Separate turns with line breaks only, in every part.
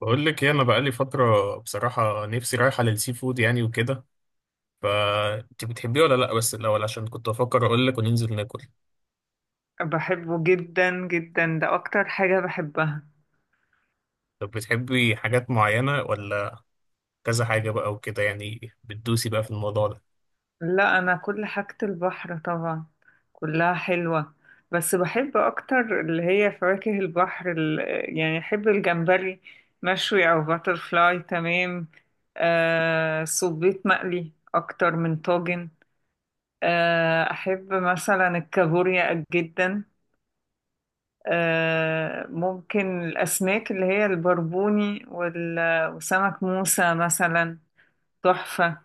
بقول لك ايه، انا بقالي فتره بصراحه نفسي رايحه للسي فود يعني وكده. فانت بتحبيه ولا لا؟ بس الاول عشان كنت بفكر اقول لك وننزل ناكل.
بحبه جدا جدا، ده أكتر حاجة بحبها.
طب بتحبي حاجات معينه ولا كذا حاجه بقى وكده؟ يعني بتدوسي بقى في الموضوع ده.
لا، أنا كل حاجة البحر طبعا، كلها حلوة. بس بحب أكتر اللي هي فواكه البحر يعني أحب الجمبري مشوي أو باترفلاي. تمام. آه، صبيط مقلي أكتر من طاجن. آه، أحب مثلا الكابوريا جدا. آه، ممكن الأسماك اللي هي البربوني وسمك موسى مثلا. تحفة.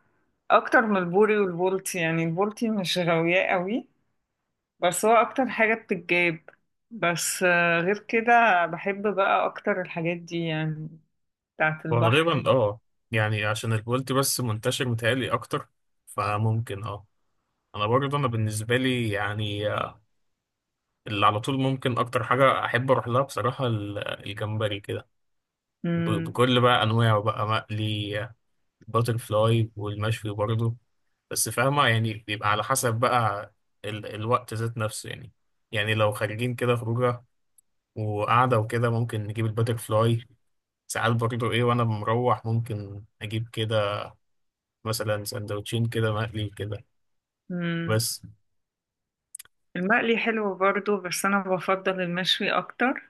أكتر من البوري والبولتي. يعني البولتي مش غاوياه قوي، بس هو أكتر حاجة بتتجاب. بس غير كده بحب بقى أكتر الحاجات دي، يعني بتاعة البحر.
غالبا اه، يعني عشان البولتي بس منتشر متهيألي اكتر، فممكن اه. انا برضه، انا بالنسبه لي يعني اللي على طول ممكن اكتر حاجه احب اروح لها بصراحه الجمبري كده.
مم.
بكل بقى انواعه، بقى مقلي الباتر فلاي والمشوي برضه. بس فاهمة يعني بيبقى على حسب بقى الوقت ذات نفسه يعني. يعني لو خارجين كده خروجة وقعدة وكده ممكن نجيب الباتر فلاي. ساعات برضه ايه، وانا مروح ممكن اجيب كده مثلا سندوتشين كده مقلي كده،
مم.
بس.
المقلي حلو برضو، بس أنا بفضل المشوي أكتر.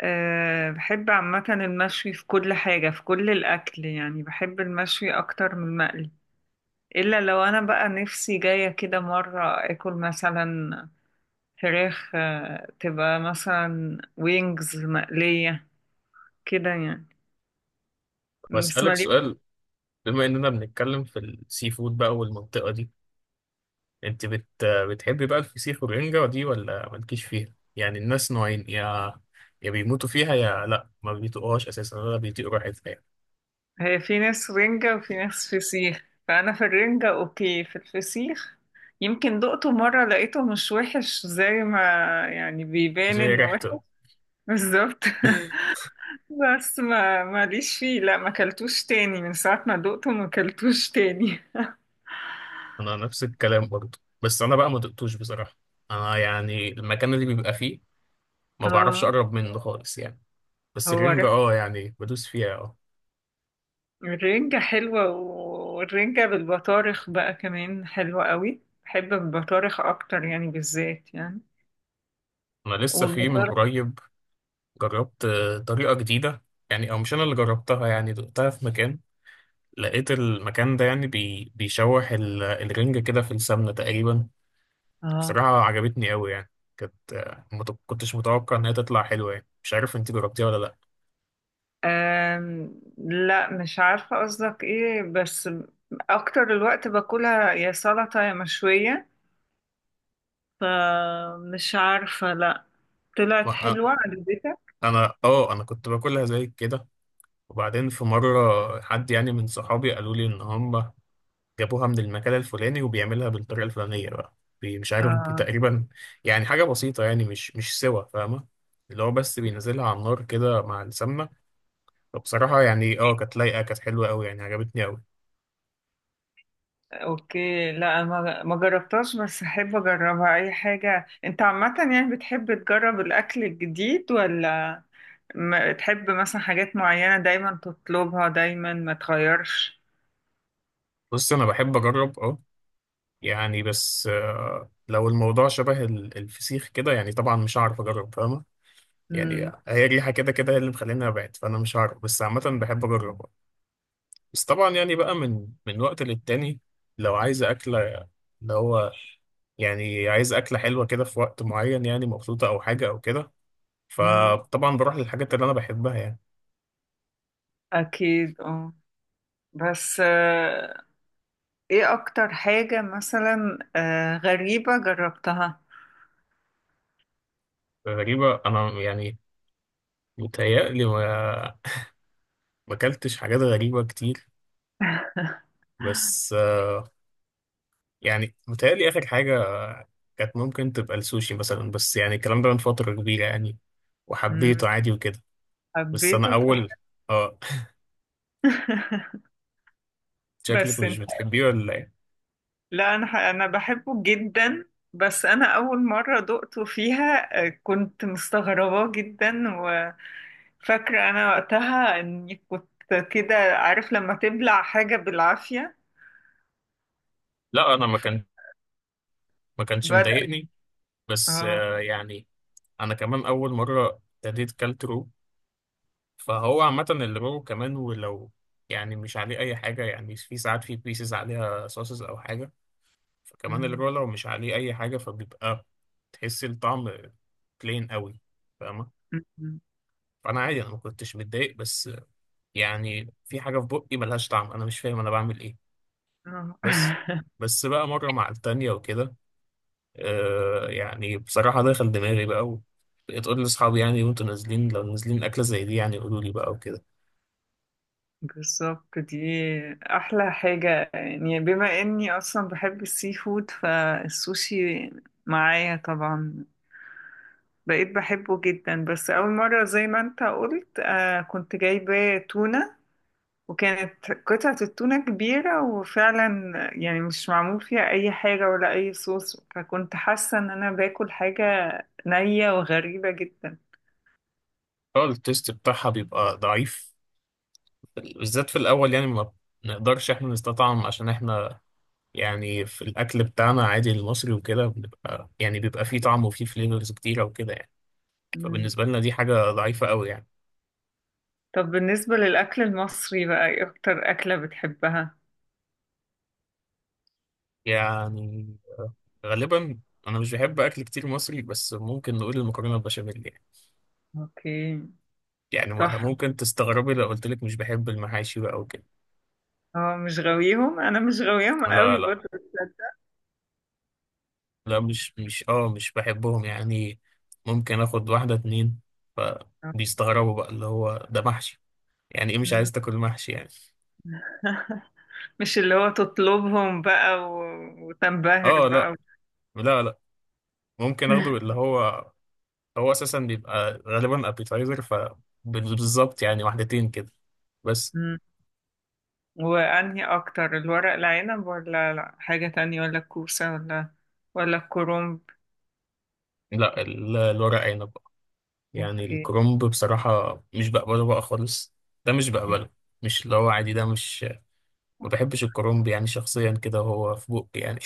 أه، بحب عامة المشوي في كل حاجة، في كل الأكل. يعني بحب المشوي أكتر من المقلي، إلا لو أنا بقى نفسي جاية كده مرة أكل مثلا فراخ تبقى مثلا وينجز مقلية كده يعني. بس
بسألك
مالي.
سؤال، بما اننا بنتكلم في السي فود بقى والمنطقة دي. انت بتحبي بقى الفسيخ والرنجة دي ولا مالكيش فيها؟ يعني الناس نوعين، يا بيموتوا فيها يا لا ما بيطيقوهاش اساسا ولا بيطيقوا ريحتها يعني.
هي في ناس رنجة وفي ناس فسيخ، فأنا في الرنجة أوكي، في الفسيخ يمكن دقته مرة لقيته مش وحش زي ما يعني بيبان
زي
إنه وحش.
ريحته
بالظبط. بس ما ماليش فيه، لا ما كلتوش تاني من ساعة ما دقته، ما كلتوش تاني.
انا نفس الكلام برضه، بس انا بقى ما دقتوش بصراحة. انا يعني المكان اللي بيبقى فيه ما بعرفش
اه.
اقرب منه خالص يعني. بس
هو
الرنجة اه، يعني بدوس فيها اه.
الرنجة حلوة، والرنجة بالبطارخ بقى كمان حلوة قوي. بحب البطارخ أكتر يعني، بالذات يعني
انا لسه في من
والبطارخ.
قريب جربت طريقة جديدة، يعني او مش انا اللي جربتها، يعني دقتها في مكان. لقيت المكان ده يعني بيشوح الرنجة كده في السمنة تقريبا.
اه.
بصراحة عجبتني قوي يعني. كانت آه، ما ت- كنتش متوقع إن هي تطلع حلوة يعني. مش عارف أنت جربتيها ولا لأ.
لا، مش عارفة قصدك ايه، بس أكتر الوقت باكلها يا سلطة يا مشوية، فمش عارفة. لا،
ما-
طلعت
آه،
حلوة عجبتك؟
أنا آه، أنا كنت باكلها زي كده، وبعدين في مرة حد يعني من صحابي قالوا لي إن هم جابوها من المكان الفلاني، وبيعملها بالطريقة الفلانية بقى. بي- مش عارف بي-
اه،
تقريبا يعني حاجة بسيطة يعني، مش سوا فاهمة. اللي هو بس بينزلها على النار كده مع السمنة. فبصراحة يعني اه كانت لايقة، كانت حلوة أوي يعني، عجبتني أوي.
اوكي. لا، ما جربتهاش، بس احب اجربها. اي حاجة. انت عامة يعني بتحب تجرب الاكل الجديد، ولا ما تحب مثلا حاجات معينة دايما تطلبها دايما ما تغيرش؟
بص انا بحب اجرب اه، يعني بس لو الموضوع شبه الفسيخ كده يعني، طبعا مش هعرف اجرب فاهمه يعني.
مم.
هي الريحه كده كده هي اللي مخليني ابعد، فانا مش هعرف، بس عامه بحب اجرب آه. بس طبعا يعني بقى من وقت للتاني، لو عايز اكله اللي هو يعني عايز اكله حلوه كده في وقت معين، يعني مبسوطه او حاجه او كده،
مم.
فطبعا بروح للحاجات اللي انا بحبها يعني.
أكيد، اه. بس ايه أكتر حاجة مثلا غريبة جربتها؟
غريبه، انا يعني متهيألي ما اكلتش حاجات غريبه كتير. بس يعني متهيألي آخر حاجة كانت ممكن تبقى السوشي مثلا، بس يعني الكلام ده من فترة كبيرة يعني،
مم.
وحبيته عادي وكده. بس أنا
حبيته طبعا.
أول آه. شكلك
بس
مش
انت،
بتحبيه ولا إيه؟
لا، أنا أنا بحبه جدا. بس أنا أول مرة دقته فيها، كنت مستغربة جدا. وفاكرة أنا وقتها إني كنت كده، عارف لما تبلع حاجة بالعافية؟
لا أنا ما كان ما كانش
بدأ،
مضايقني بس
اه.
آه يعني. أنا كمان أول مرة ابتديت كلت رو، فهو عامة الرو كمان ولو يعني مش عليه أي حاجة، يعني في ساعات في بيسز عليها صوصز أو حاجة. فكمان
مم.
الرو لو مش عليه أي حاجة فبيبقى تحس الطعم بلين قوي، فاهمة.
مم. مم.
فانا عادي، انا ما كنتش متضايق، بس يعني في حاجه في بقي ملهاش طعم، انا مش فاهم انا بعمل ايه.
آه.
بس بس بقى مره مع التانية وكده آه، يعني بصراحه دخل دماغي بقى، بقيت اقول لاصحابي يعني وانتوا نازلين، لو نازلين اكله زي دي يعني قولوا لي بقى وكده.
بالظبط دي أحلى حاجة. يعني بما إني أصلا بحب السي فود، فالسوشي معايا طبعا. بقيت بحبه جدا. بس أول مرة زي ما أنت قلت، آه، كنت جايبة تونة، وكانت قطعة التونة كبيرة، وفعلا يعني مش معمول فيها أي حاجة ولا أي صوص، فكنت حاسة إن أنا باكل حاجة نية وغريبة جدا.
اه، التيست بتاعها بيبقى ضعيف، بالذات في الاول يعني، ما نقدرش احنا نستطعم عشان احنا يعني في الاكل بتاعنا عادي المصري وكده بنبقى يعني بيبقى فيه طعم وفيه فليفرز كتيره وكده يعني. فبالنسبه لنا دي حاجه ضعيفه قوي يعني.
طب بالنسبة للأكل المصري بقى، إيه أكتر أكلة بتحبها؟
يعني آه، غالبا انا مش بحب اكل كتير مصري، بس ممكن نقول المكرونه البشاميل يعني.
أوكي.
يعني
تحفة.
ممكن تستغربي لو قلت لك مش بحب المحاشي بقى وكده.
اه، مش غاويهم، أنا مش غاويهم
لا
قوي
لا،
برضه، تصدق.
مش بحبهم يعني. ممكن اخد واحده اتنين، فبيستغربوا بقى، اللي هو ده محشي يعني ايه مش
مم.
عايز تاكل محشي يعني.
مش اللي هو تطلبهم بقى و... وتنبهر
اه
بقى
لا،
و...
لا لا، ممكن اخده اللي هو، هو اساسا بيبقى غالبا ابيتايزر، فبالظبط يعني واحدتين كده بس.
مم. وأنهي أكتر، الورق العنب ولا لا حاجة تانية، ولا الكوسة، ولا ولا الكرنب؟
لا الورق عنب. يعني
أوكي.
الكرومب بصراحة مش بقبله بقى خالص، ده مش بقبله. مش اللي هو عادي، ده مش، ما بحبش الكرومب يعني شخصيا كده، هو في بقي يعني.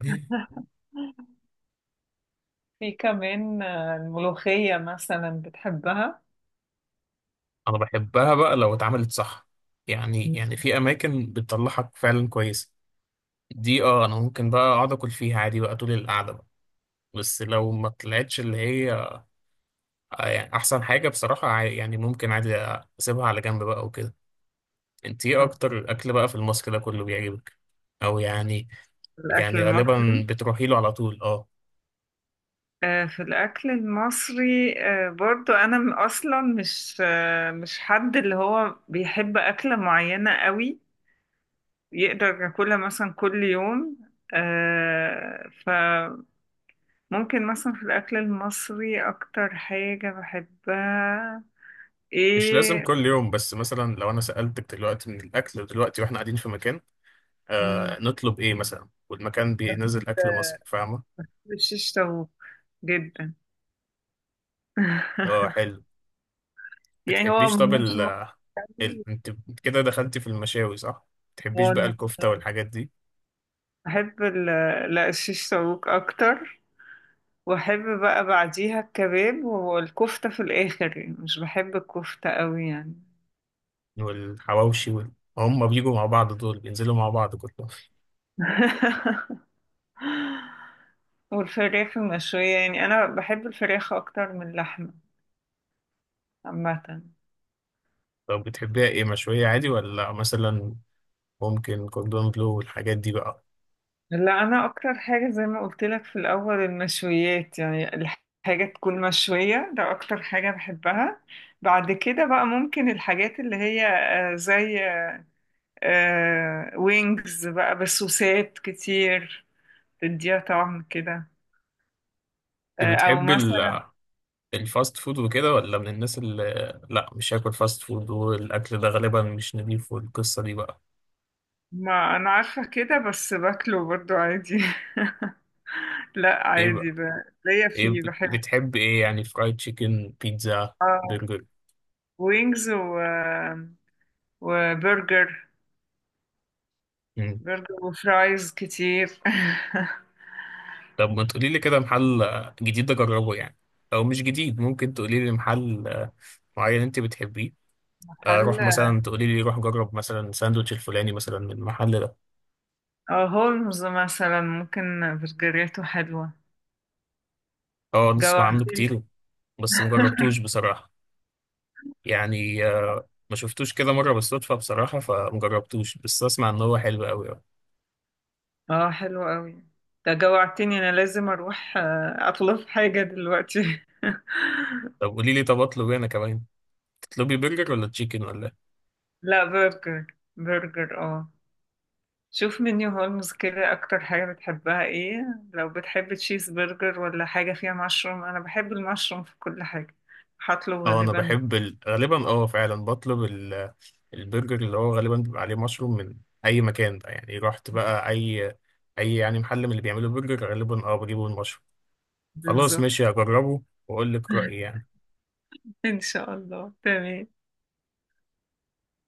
في كمان الملوخية مثلا بتحبها؟
أنا بحبها بقى لو اتعملت صح يعني،
مم.
يعني في أماكن بتطلعك فعلا كويسة. دي اه، أنا ممكن بقى أقعد أكل فيها عادي بقى طول القعدة بقى. بس لو ما طلعتش اللي هي يعني أحسن حاجة بصراحة يعني ممكن عادي أسيبها على جنب بقى وكده. أنت إيه
أو
أكتر أكل بقى في الماسك ده كله بيعجبك، أو يعني؟
الأكل
يعني
المصري؟
غالبا بتروحي له على طول اه.
في الأكل المصري، برضو أنا أصلا مش، مش حد اللي هو بيحب أكلة معينة قوي يقدر ياكلها مثلا كل يوم. فممكن مثلا في الأكل المصري أكتر حاجة بحبها
مش لازم
إيه.
كل يوم، بس مثلا لو انا سألتك دلوقتي من الاكل دلوقتي واحنا قاعدين في مكان،
مم.
آه نطلب ايه مثلا والمكان بينزل اكل
آه،
مصري فاهمه؟
الشيش طاووق، جدا.
اه حلو.
يعني هو
بتحبيش طب
مش مصري.
انت كده دخلتي في المشاوي صح، بتحبيش بقى
هو
الكفته والحاجات دي؟
بحب لا، الشيش طاووق أكتر. واحب بقى بعديها الكباب والكفتة في الاخر. يعني مش بحب الكفتة قوي يعني.
والحواوشي هم بيجوا مع بعض دول، بينزلوا مع بعض كلهم.
والفراخ المشوية. يعني انا بحب الفراخ اكتر من اللحمة عامة.
طب بتحبيها ايه، مشويه عادي ولا مثلا ممكن كوردون بلو والحاجات دي بقى؟
لا، انا اكتر حاجة زي ما قلت لك في الاول، المشويات. يعني الحاجة تكون مشوية، ده اكتر حاجة بحبها. بعد كده بقى ممكن الحاجات اللي هي زي وينجز بقى بسوسات كتير تديها طعم كده.
انت
او
بتحبي
مثلا،
الفاست فود وكده، ولا من الناس اللي لا مش هاكل فاست فود والاكل ده غالبا مش نضيف والقصه دي بقى؟
ما انا عارفه كده، بس باكله برضو عادي. لا
ايه
عادي،
بقى،
ب... ليا
ايه
فيه، بحب.
بتحب ايه يعني؟ فرايد تشيكن، بيتزا،
اه
برجر؟
وينجز و... وبرجر.
مم.
برجر، وفرايز كتير.
طب ما تقولي لي كده محل جديد اجربه يعني، او مش جديد، ممكن تقولي لي محل معين انت بتحبيه
هل،
اروح، مثلا تقولي لي روح جرب مثلا ساندوتش الفلاني مثلا من المحل ده.
اه هولمز مثلا ممكن، برجريته حلوة.
اه، نسمع عنه
جوعتني.
كتير بس مجربتوش بصراحه. يعني ما شفتوش كده مرة بالصدفة بصراحة فمجربتوش، بس أسمع إن هو حلو أوي أوي.
اه، حلو قوي. ده جوعتني، انا لازم اروح اطلب حاجة دلوقتي.
طب قولي لي، طب أطلب إيه أنا كمان؟ تطلبي برجر ولا تشيكن ولا إيه؟
لا برجر، برجر اه. شوف منيو هولمز كده، اكتر حاجة بتحبها ايه. لو بتحب تشيز برجر، ولا حاجة فيها مشروم، انا بحب المشروم في كل حاجة، هطلب
أه أنا
غالبا.
بحب غالبا أه فعلا بطلب البرجر اللي هو غالبا بيبقى عليه مشروم من أي مكان بقى. يعني رحت بقى أي أي يعني محل من اللي بيعملوا برجر غالبا أه بجيبه المشروم. خلاص
بالظبط.
ماشي، هجربه وأقول لك رأيي يعني.
ان شاء الله. تمام.